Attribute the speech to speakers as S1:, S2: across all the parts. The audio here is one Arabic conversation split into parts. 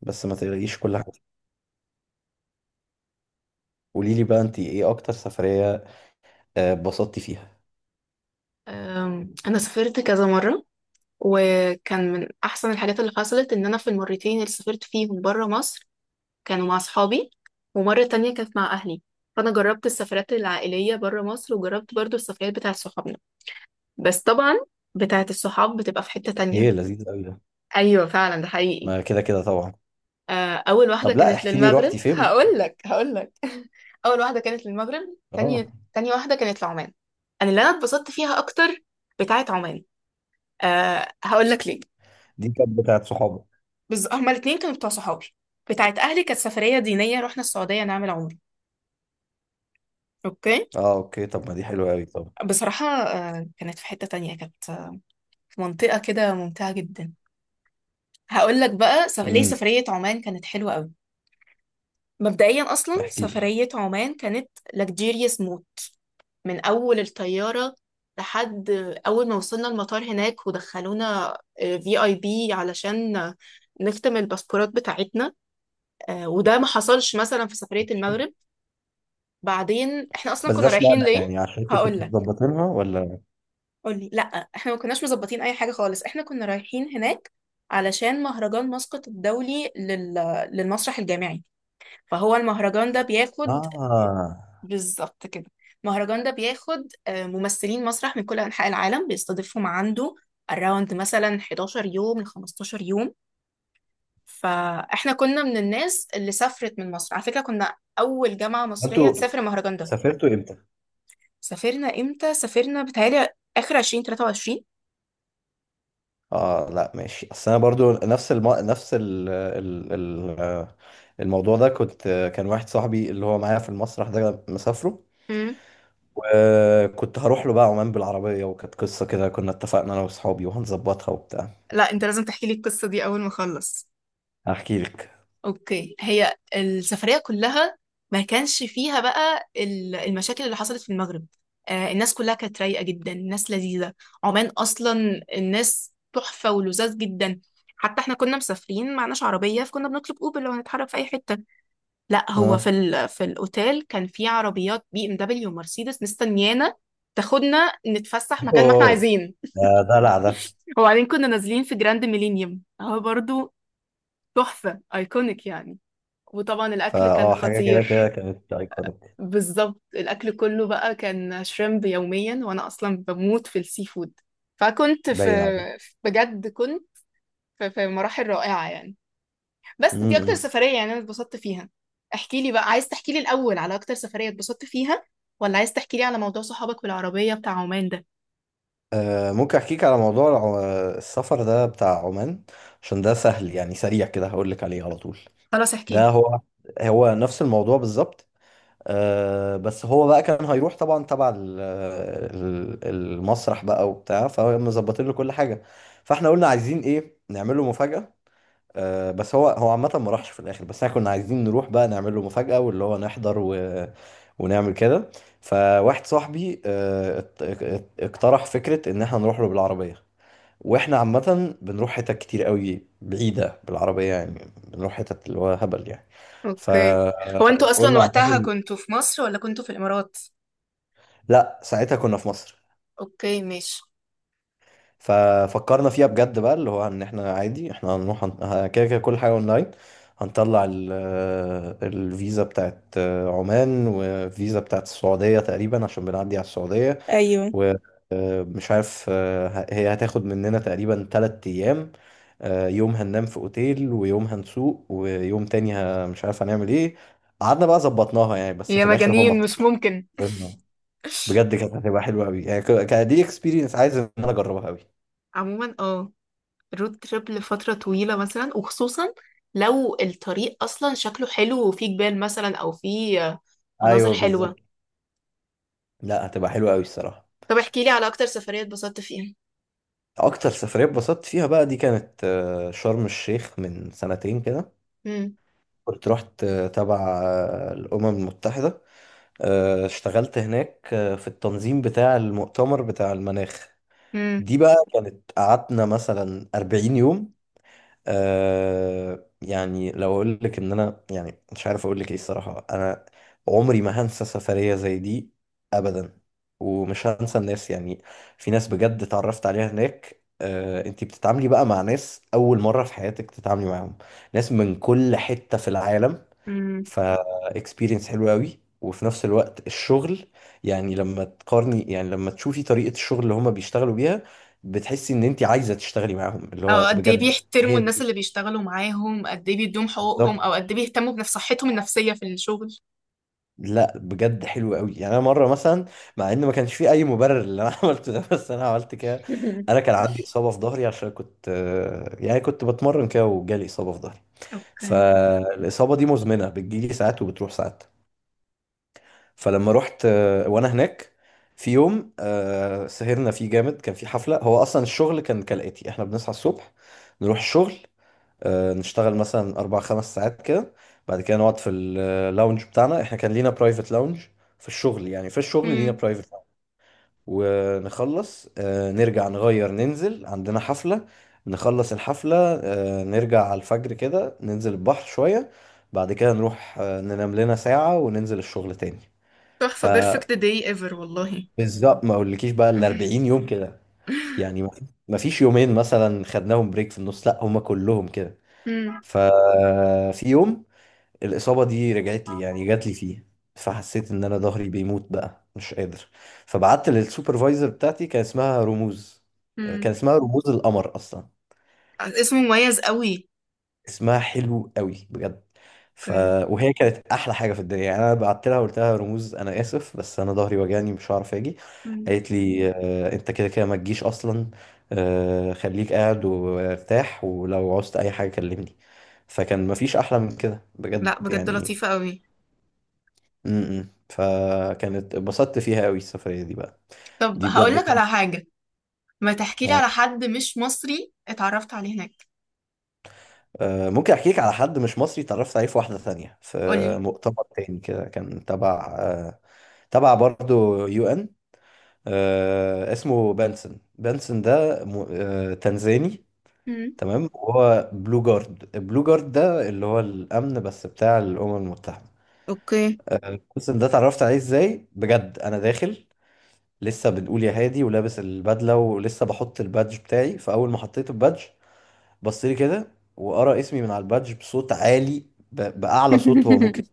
S1: بس ما تقوليش كل حاجه. قولي لي بقى، انت ايه اكتر سفريه اتبسطتي فيها؟
S2: أنا سافرت كذا مرة، وكان من أحسن الحاجات اللي حصلت إن أنا في المرتين اللي سافرت فيهم برا مصر كانوا مع أصحابي، ومرة تانية كانت مع أهلي. فأنا جربت السفرات العائلية برا مصر وجربت برضو السفرات بتاعة صحابنا. بس طبعا بتاعة الصحاب بتبقى في حتة تانية.
S1: ايه لذيذ قوي ده.
S2: أيوة فعلا ده حقيقي.
S1: ما كده كده طبعا.
S2: أول واحدة
S1: طب لا،
S2: كانت
S1: احكي لي روحتي
S2: للمغرب.
S1: فين.
S2: هقول لك. أول واحدة كانت للمغرب،
S1: اه،
S2: تانية واحدة كانت لعمان. أنا اتبسطت فيها أكتر، بتاعة عمان. أه هقول لك ليه.
S1: دي كانت بتاعت صحابك؟
S2: هما الاتنين كانوا بتوع صحابي. بتاعت أهلي كانت سفرية دينية، رحنا السعودية نعمل عمرة. أوكي.
S1: اه، اوكي. طب ما دي حلوه قوي. طب،
S2: بصراحة آه، كانت في حتة تانية، كانت آه، في منطقة كده ممتعة جدا. هقول لك بقى ليه
S1: امم
S2: سفرية عمان كانت حلوة قوي. مبدئيا أصلا
S1: احكي لي.
S2: سفرية عمان كانت لكجيريوس موت، من أول الطيارة لحد أول ما وصلنا المطار هناك، ودخلونا في اي بي علشان نختم الباسبورات بتاعتنا. وده ما حصلش مثلا في سفرية
S1: ماشي.
S2: المغرب. بعدين احنا اصلا
S1: بس ده
S2: كنا
S1: اشمعنى
S2: رايحين ليه؟
S1: يعني؟ عشان انتوا
S2: هقول
S1: كنتوا
S2: لك.
S1: مظبطينها ولا؟
S2: قولي لا، احنا ما كناش مظبطين اي حاجه خالص. احنا كنا رايحين هناك علشان مهرجان مسقط الدولي للمسرح الجامعي. فهو المهرجان ده بياخد،
S1: اه،
S2: بالظبط كده، المهرجان ده بياخد ممثلين مسرح من كل انحاء العالم، بيستضيفهم عنده around مثلا 11 يوم ل 15 يوم. فاحنا كنا من الناس اللي سافرت من مصر، على فكره كنا اول جامعه مصريه
S1: انتوا
S2: تسافر المهرجان ده.
S1: سافرتوا امتى؟
S2: سافرنا امتى؟ سافرنا بتهيألي اخر 2023.
S1: اه لا ماشي. اصل انا برضو نفس ال... الموضوع ده كنت. كان واحد صاحبي اللي هو معايا في المسرح ده مسافره،
S2: امم.
S1: وكنت هروح له بقى عمان بالعربية. وكانت قصة كده، كنا اتفقنا أنا وأصحابي وهنظبطها وبتاع.
S2: لا انت لازم تحكي لي القصة دي اول ما اخلص.
S1: هحكي لك.
S2: اوكي، هي السفرية كلها ما كانش فيها بقى ال- المشاكل اللي حصلت في المغرب. آه، الناس كلها كانت رايقة جدا، الناس لذيذة. عمان اصلا الناس تحفة ولذاذ جدا. حتى احنا كنا مسافرين معناش عربية، فكنا بنطلب اوبر لو هنتحرك في اي حتة. لا، هو في
S1: اه.
S2: ال في الاوتيل كان في عربيات بي ام دبليو ومرسيدس مستنيانا تاخدنا نتفسح مكان ما احنا
S1: أوه.
S2: عايزين.
S1: ده دلع ده.
S2: وبعدين كنا نازلين في جراند ميلينيوم، هو برضو تحفة ايكونيك يعني. وطبعا الاكل كان
S1: فأه حاجة كده كده
S2: خطير.
S1: كانت أيكونيك.
S2: بالظبط، الاكل كله بقى كان شريمب يوميا، وانا اصلا بموت في السي فود. فكنت في
S1: باين عليك.
S2: بجد كنت في مراحل رائعة يعني. بس دي اكتر
S1: م-م.
S2: سفرية يعني انا اتبسطت فيها. احكي لي بقى، عايز تحكي لي الاول على اكتر سفرية اتبسطت فيها، ولا عايز تحكي لي على موضوع صحابك بالعربية بتاع عمان ده؟
S1: ممكن أحكيك على موضوع السفر ده بتاع عمان، عشان ده سهل. يعني سريع كده هقول لك عليه على طول.
S2: خلاص احكي
S1: ده
S2: لي.
S1: هو هو نفس الموضوع بالظبط. بس هو بقى كان هيروح طبعا تبع المسرح بقى وبتاع، فمظبطين له كل حاجه. فاحنا قلنا عايزين ايه؟ نعمل له مفاجاه. بس هو عامه ما راحش في الاخر. بس احنا كنا عايزين نروح بقى نعمل له مفاجاه، واللي هو نحضر ونعمل كده. فواحد صاحبي اقترح فكره ان احنا نروح له بالعربيه. واحنا عامه بنروح حتت كتير قوي بعيده بالعربيه يعني، بنروح حتت اللي هو هبل يعني.
S2: اوكي، هو انتوا اصلا
S1: فقلنا
S2: وقتها
S1: عامه،
S2: كنتوا في مصر ولا كنتوا في الامارات؟
S1: لا ساعتها كنا في مصر.
S2: اوكي ماشي.
S1: ففكرنا فيها بجد بقى، اللي هو ان احنا عادي. احنا هنروح، كده كده كل حاجه اونلاين. هنطلع الفيزا بتاعت عمان والفيزا بتاعت السعوديه، تقريبا عشان بنعدي على السعوديه.
S2: ايوه.
S1: ومش عارف، هي هتاخد مننا تقريبا تلات ايام. يوم هننام في اوتيل، ويوم هنسوق، ويوم تاني مش عارف هنعمل ايه. قعدنا بقى ظبطناها يعني. بس
S2: يا
S1: في الاخر هو ما
S2: مجانين مش
S1: طلعش.
S2: ممكن.
S1: بجد كانت هتبقى حلوه قوي يعني، كدي اكسبيرينس عايز ان انا اجربها قوي.
S2: عموما اه، رود تريب لفترة طويلة مثلا، وخصوصا لو الطريق اصلا شكله حلو وفيه جبال مثلا، او فيه مناظر
S1: ايوه
S2: حلوة.
S1: بالظبط. لا هتبقى حلوه قوي الصراحه.
S2: طب احكي لي على اكتر سفرية اتبسطت فيها.
S1: اكتر سفريه اتبسطت فيها بقى، دي كانت شرم الشيخ من سنتين كده.
S2: امم.
S1: كنت رحت تبع الامم المتحده. اشتغلت هناك في التنظيم بتاع المؤتمر بتاع المناخ.
S2: امم.
S1: دي بقى كانت قعدنا مثلا 40 يوم. يعني لو اقول لك ان انا، يعني مش عارف اقول لك ايه الصراحه. انا عمري ما هنسى سفريه زي دي ابدا. ومش هنسى الناس يعني. في ناس بجد اتعرفت عليها هناك. انتي بتتعاملي بقى مع ناس اول مره في حياتك تتعاملي معاهم. ناس من كل حته في العالم.
S2: امم.
S1: ف اكسبيرينس حلوه قوي، وفي نفس الوقت الشغل. يعني لما تقارني، يعني لما تشوفي طريقه الشغل اللي هما بيشتغلوا بيها، بتحسي ان انتي عايزه تشتغلي معاهم. اللي هو
S2: او قد ايه
S1: بجد
S2: بيحترموا
S1: هي
S2: الناس اللي بيشتغلوا معاهم، قد ايه بيدوهم حقوقهم،
S1: بالظبط.
S2: او قد ايه بيهتموا بنفس صحتهم النفسية في الشغل.
S1: لا بجد حلو قوي يعني. انا مره مثلا، مع ان ما كانش في اي مبرر اللي انا عملته ده، بس انا عملت كده. انا كان عندي اصابه في ظهري، عشان كنت يعني كنت بتمرن كده وجالي اصابه في ظهري.
S2: اوكي.
S1: فالاصابه دي مزمنه، بتجيلي ساعات وبتروح ساعات. فلما رحت وانا هناك، في يوم سهرنا فيه جامد، كان في حفله. هو اصلا الشغل كان كالاتي: احنا بنصحى الصبح، نروح الشغل، نشتغل مثلا أربع خمس ساعات كده. بعد كده نقعد في اللاونج بتاعنا، احنا كان لينا برايفت لاونج في الشغل. يعني في الشغل لينا
S2: امم.
S1: برايفت لاونج. ونخلص نرجع نغير، ننزل عندنا حفلة. نخلص الحفلة نرجع على الفجر كده، ننزل البحر شوية. بعد كده نروح ننام لنا ساعة وننزل الشغل تاني.
S2: تحفة،
S1: فبالظبط،
S2: بيرفكت داي ايفر والله.
S1: ما اقولكيش بقى ال 40 يوم كده، يعني ما فيش يومين مثلا خدناهم بريك في النص. لا هما كلهم كده.
S2: امم.
S1: ففي يوم الإصابة دي رجعت لي، يعني جات لي فيه. فحسيت إن أنا ظهري بيموت بقى مش قادر. فبعت للسوبرفايزر بتاعتي، كان اسمها رموز. كان
S2: مم.
S1: اسمها رموز القمر أصلا.
S2: اسمه مميز قوي.
S1: اسمها حلو قوي بجد. ف...
S2: اوكي.
S1: وهي كانت أحلى حاجة في الدنيا يعني. أنا بعت لها قلت لها: رموز، أنا آسف، بس أنا ظهري وجعني مش هعرف أجي.
S2: مم.
S1: قالت لي: أنت كده كده ما تجيش أصلا. خليك قاعد وارتاح، ولو عوزت أي حاجة كلمني. فكان مفيش أحلى من كده بجد
S2: لا بجد
S1: يعني.
S2: لطيفة قوي.
S1: فكانت اتبسطت فيها قوي السفرية دي بقى.
S2: طب
S1: دي
S2: هقول
S1: بجد
S2: لك
S1: كانت
S2: على حاجة. ما تحكي لي على حد مش مصري اتعرفت عليه هناك.
S1: ممكن احكي لك على حد مش مصري اتعرفت عليه في واحدة ثانية، في
S2: قولي.
S1: مؤتمر تاني كده، كان تبع برضو يو ان. اسمه بنسن ده تنزاني.
S2: مم.
S1: تمام. وهو بلو جارد. البلو جارد ده اللي هو الامن بس بتاع الامم المتحدة.
S2: اوكي.
S1: بنسن ده اتعرفت عليه ازاي؟ بجد انا داخل لسه، بنقول يا هادي، ولابس البدله ولسه بحط البادج بتاعي. فاول ما حطيت البادج بص لي كده، وقرا اسمي من على البادج بصوت عالي، باعلى صوت هو ممكن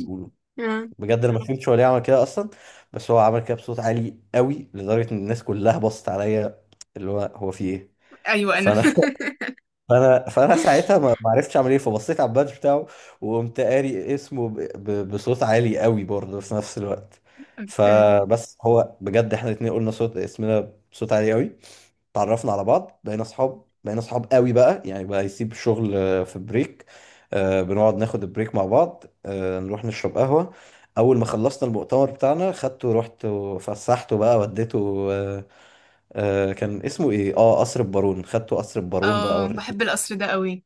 S1: يقوله.
S2: آه.
S1: بجد انا ما فهمتش هو ليه عمل كده اصلا. بس هو عمل كده بصوت عالي قوي لدرجه ان الناس كلها بصت عليا، اللي هو هو في ايه.
S2: ايوه انا.
S1: فانا فانا ساعتها ما عرفتش اعمل ايه. فبصيت على البادج بتاعه، وقمت قاري اسمه بصوت عالي قوي برضه في نفس الوقت.
S2: اوكي.
S1: فبس هو بجد احنا الاتنين قلنا صوت اسمنا بصوت عالي قوي. اتعرفنا على بعض، بقينا اصحاب قوي بقى. يعني بقى يسيب الشغل في بريك، بنقعد ناخد البريك مع بعض، نروح نشرب قهوة. اول ما خلصنا المؤتمر بتاعنا خدته، رحت وفسحته بقى، وديته كان اسمه ايه؟ اه، قصر البارون. خدته قصر البارون بقى
S2: اه
S1: وريته.
S2: بحب القصر ده قوي.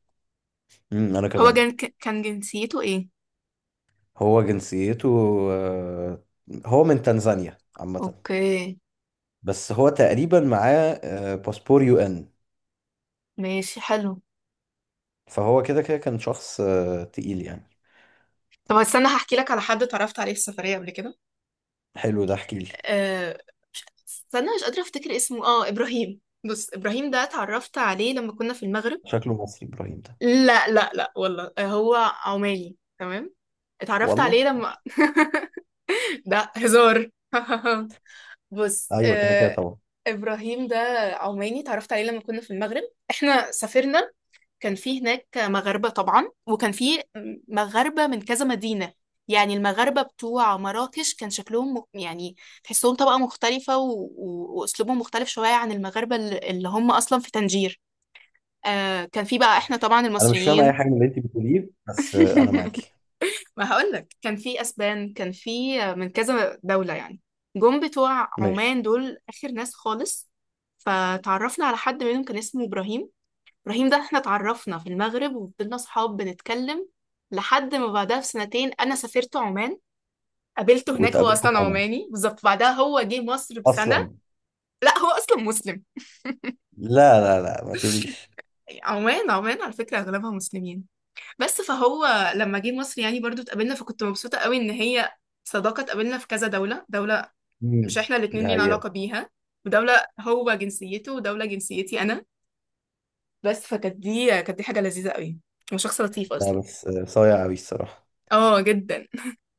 S1: امم، انا
S2: هو
S1: كمان.
S2: كان، كان جنسيته ايه؟
S1: هو جنسيته آه، هو من تنزانيا عامة.
S2: اوكي
S1: بس هو تقريبا معاه باسبور يو ان.
S2: ماشي، حلو.
S1: فهو كده كده كان شخص تقيل يعني.
S2: طب استنى هحكي لك على حد اتعرفت عليه في السفرية قبل
S1: حلو ده، احكي لي.
S2: كده. استنى مش قادرة افتكر اسمه، اه ابراهيم. بص، ابراهيم ده اتعرفت عليه لما كنا في المغرب.
S1: شكله مصري ابراهيم ده؟
S2: لا لا لا والله، هو عماني تمام. اتعرفت
S1: والله.
S2: عليه لما ده هزار. بص
S1: ايوه كده كده طبعا.
S2: ابراهيم ده عماني، اتعرفت عليه لما كنا في المغرب. احنا سافرنا، كان في هناك مغاربة طبعا، وكان في مغاربة من كذا مدينة. يعني المغاربة بتوع مراكش كان شكلهم يعني تحسهم طبقة مختلفة وأسلوبهم مختلف شوية عن المغاربة اللي هم أصلا في طنجير. آه، كان في بقى احنا طبعا
S1: انا مش فاهم اي
S2: المصريين.
S1: حاجه من اللي انت بتقوليه، بس انا معاكي.
S2: ما هقولك، كان في أسبان، كان في من كذا دولة يعني. جم بتوع
S1: ماشي.
S2: عمان دول آخر ناس خالص. فتعرفنا على حد منهم كان اسمه إبراهيم. ابراهيم ده احنا اتعرفنا في المغرب وفضلنا صحاب بنتكلم لحد ما بعدها بسنتين انا سافرت عمان، قابلته هناك. هو
S1: واتقابلكم في
S2: اصلا
S1: عمان
S2: عماني بالظبط، بعدها هو جه مصر بسنه.
S1: اصلا؟
S2: لا هو اصلا مسلم.
S1: لا لا لا، ما تقوليش.
S2: عمان عمان على فكره اغلبها مسلمين. بس فهو لما جه مصر يعني برضو اتقابلنا، فكنت مبسوطه قوي ان هي صداقه اتقابلنا في كذا دوله، دوله مش
S1: امم.
S2: احنا الاتنين
S1: دي
S2: لينا
S1: حقيقة.
S2: علاقه بيها، ودوله هو جنسيته، ودوله جنسيتي انا. بس فكانت دي، كانت دي حاجه لذيذه قوي. هو شخص لطيف
S1: لا،
S2: اصلا.
S1: بس صايع قوي الصراحه.
S2: اه جدا.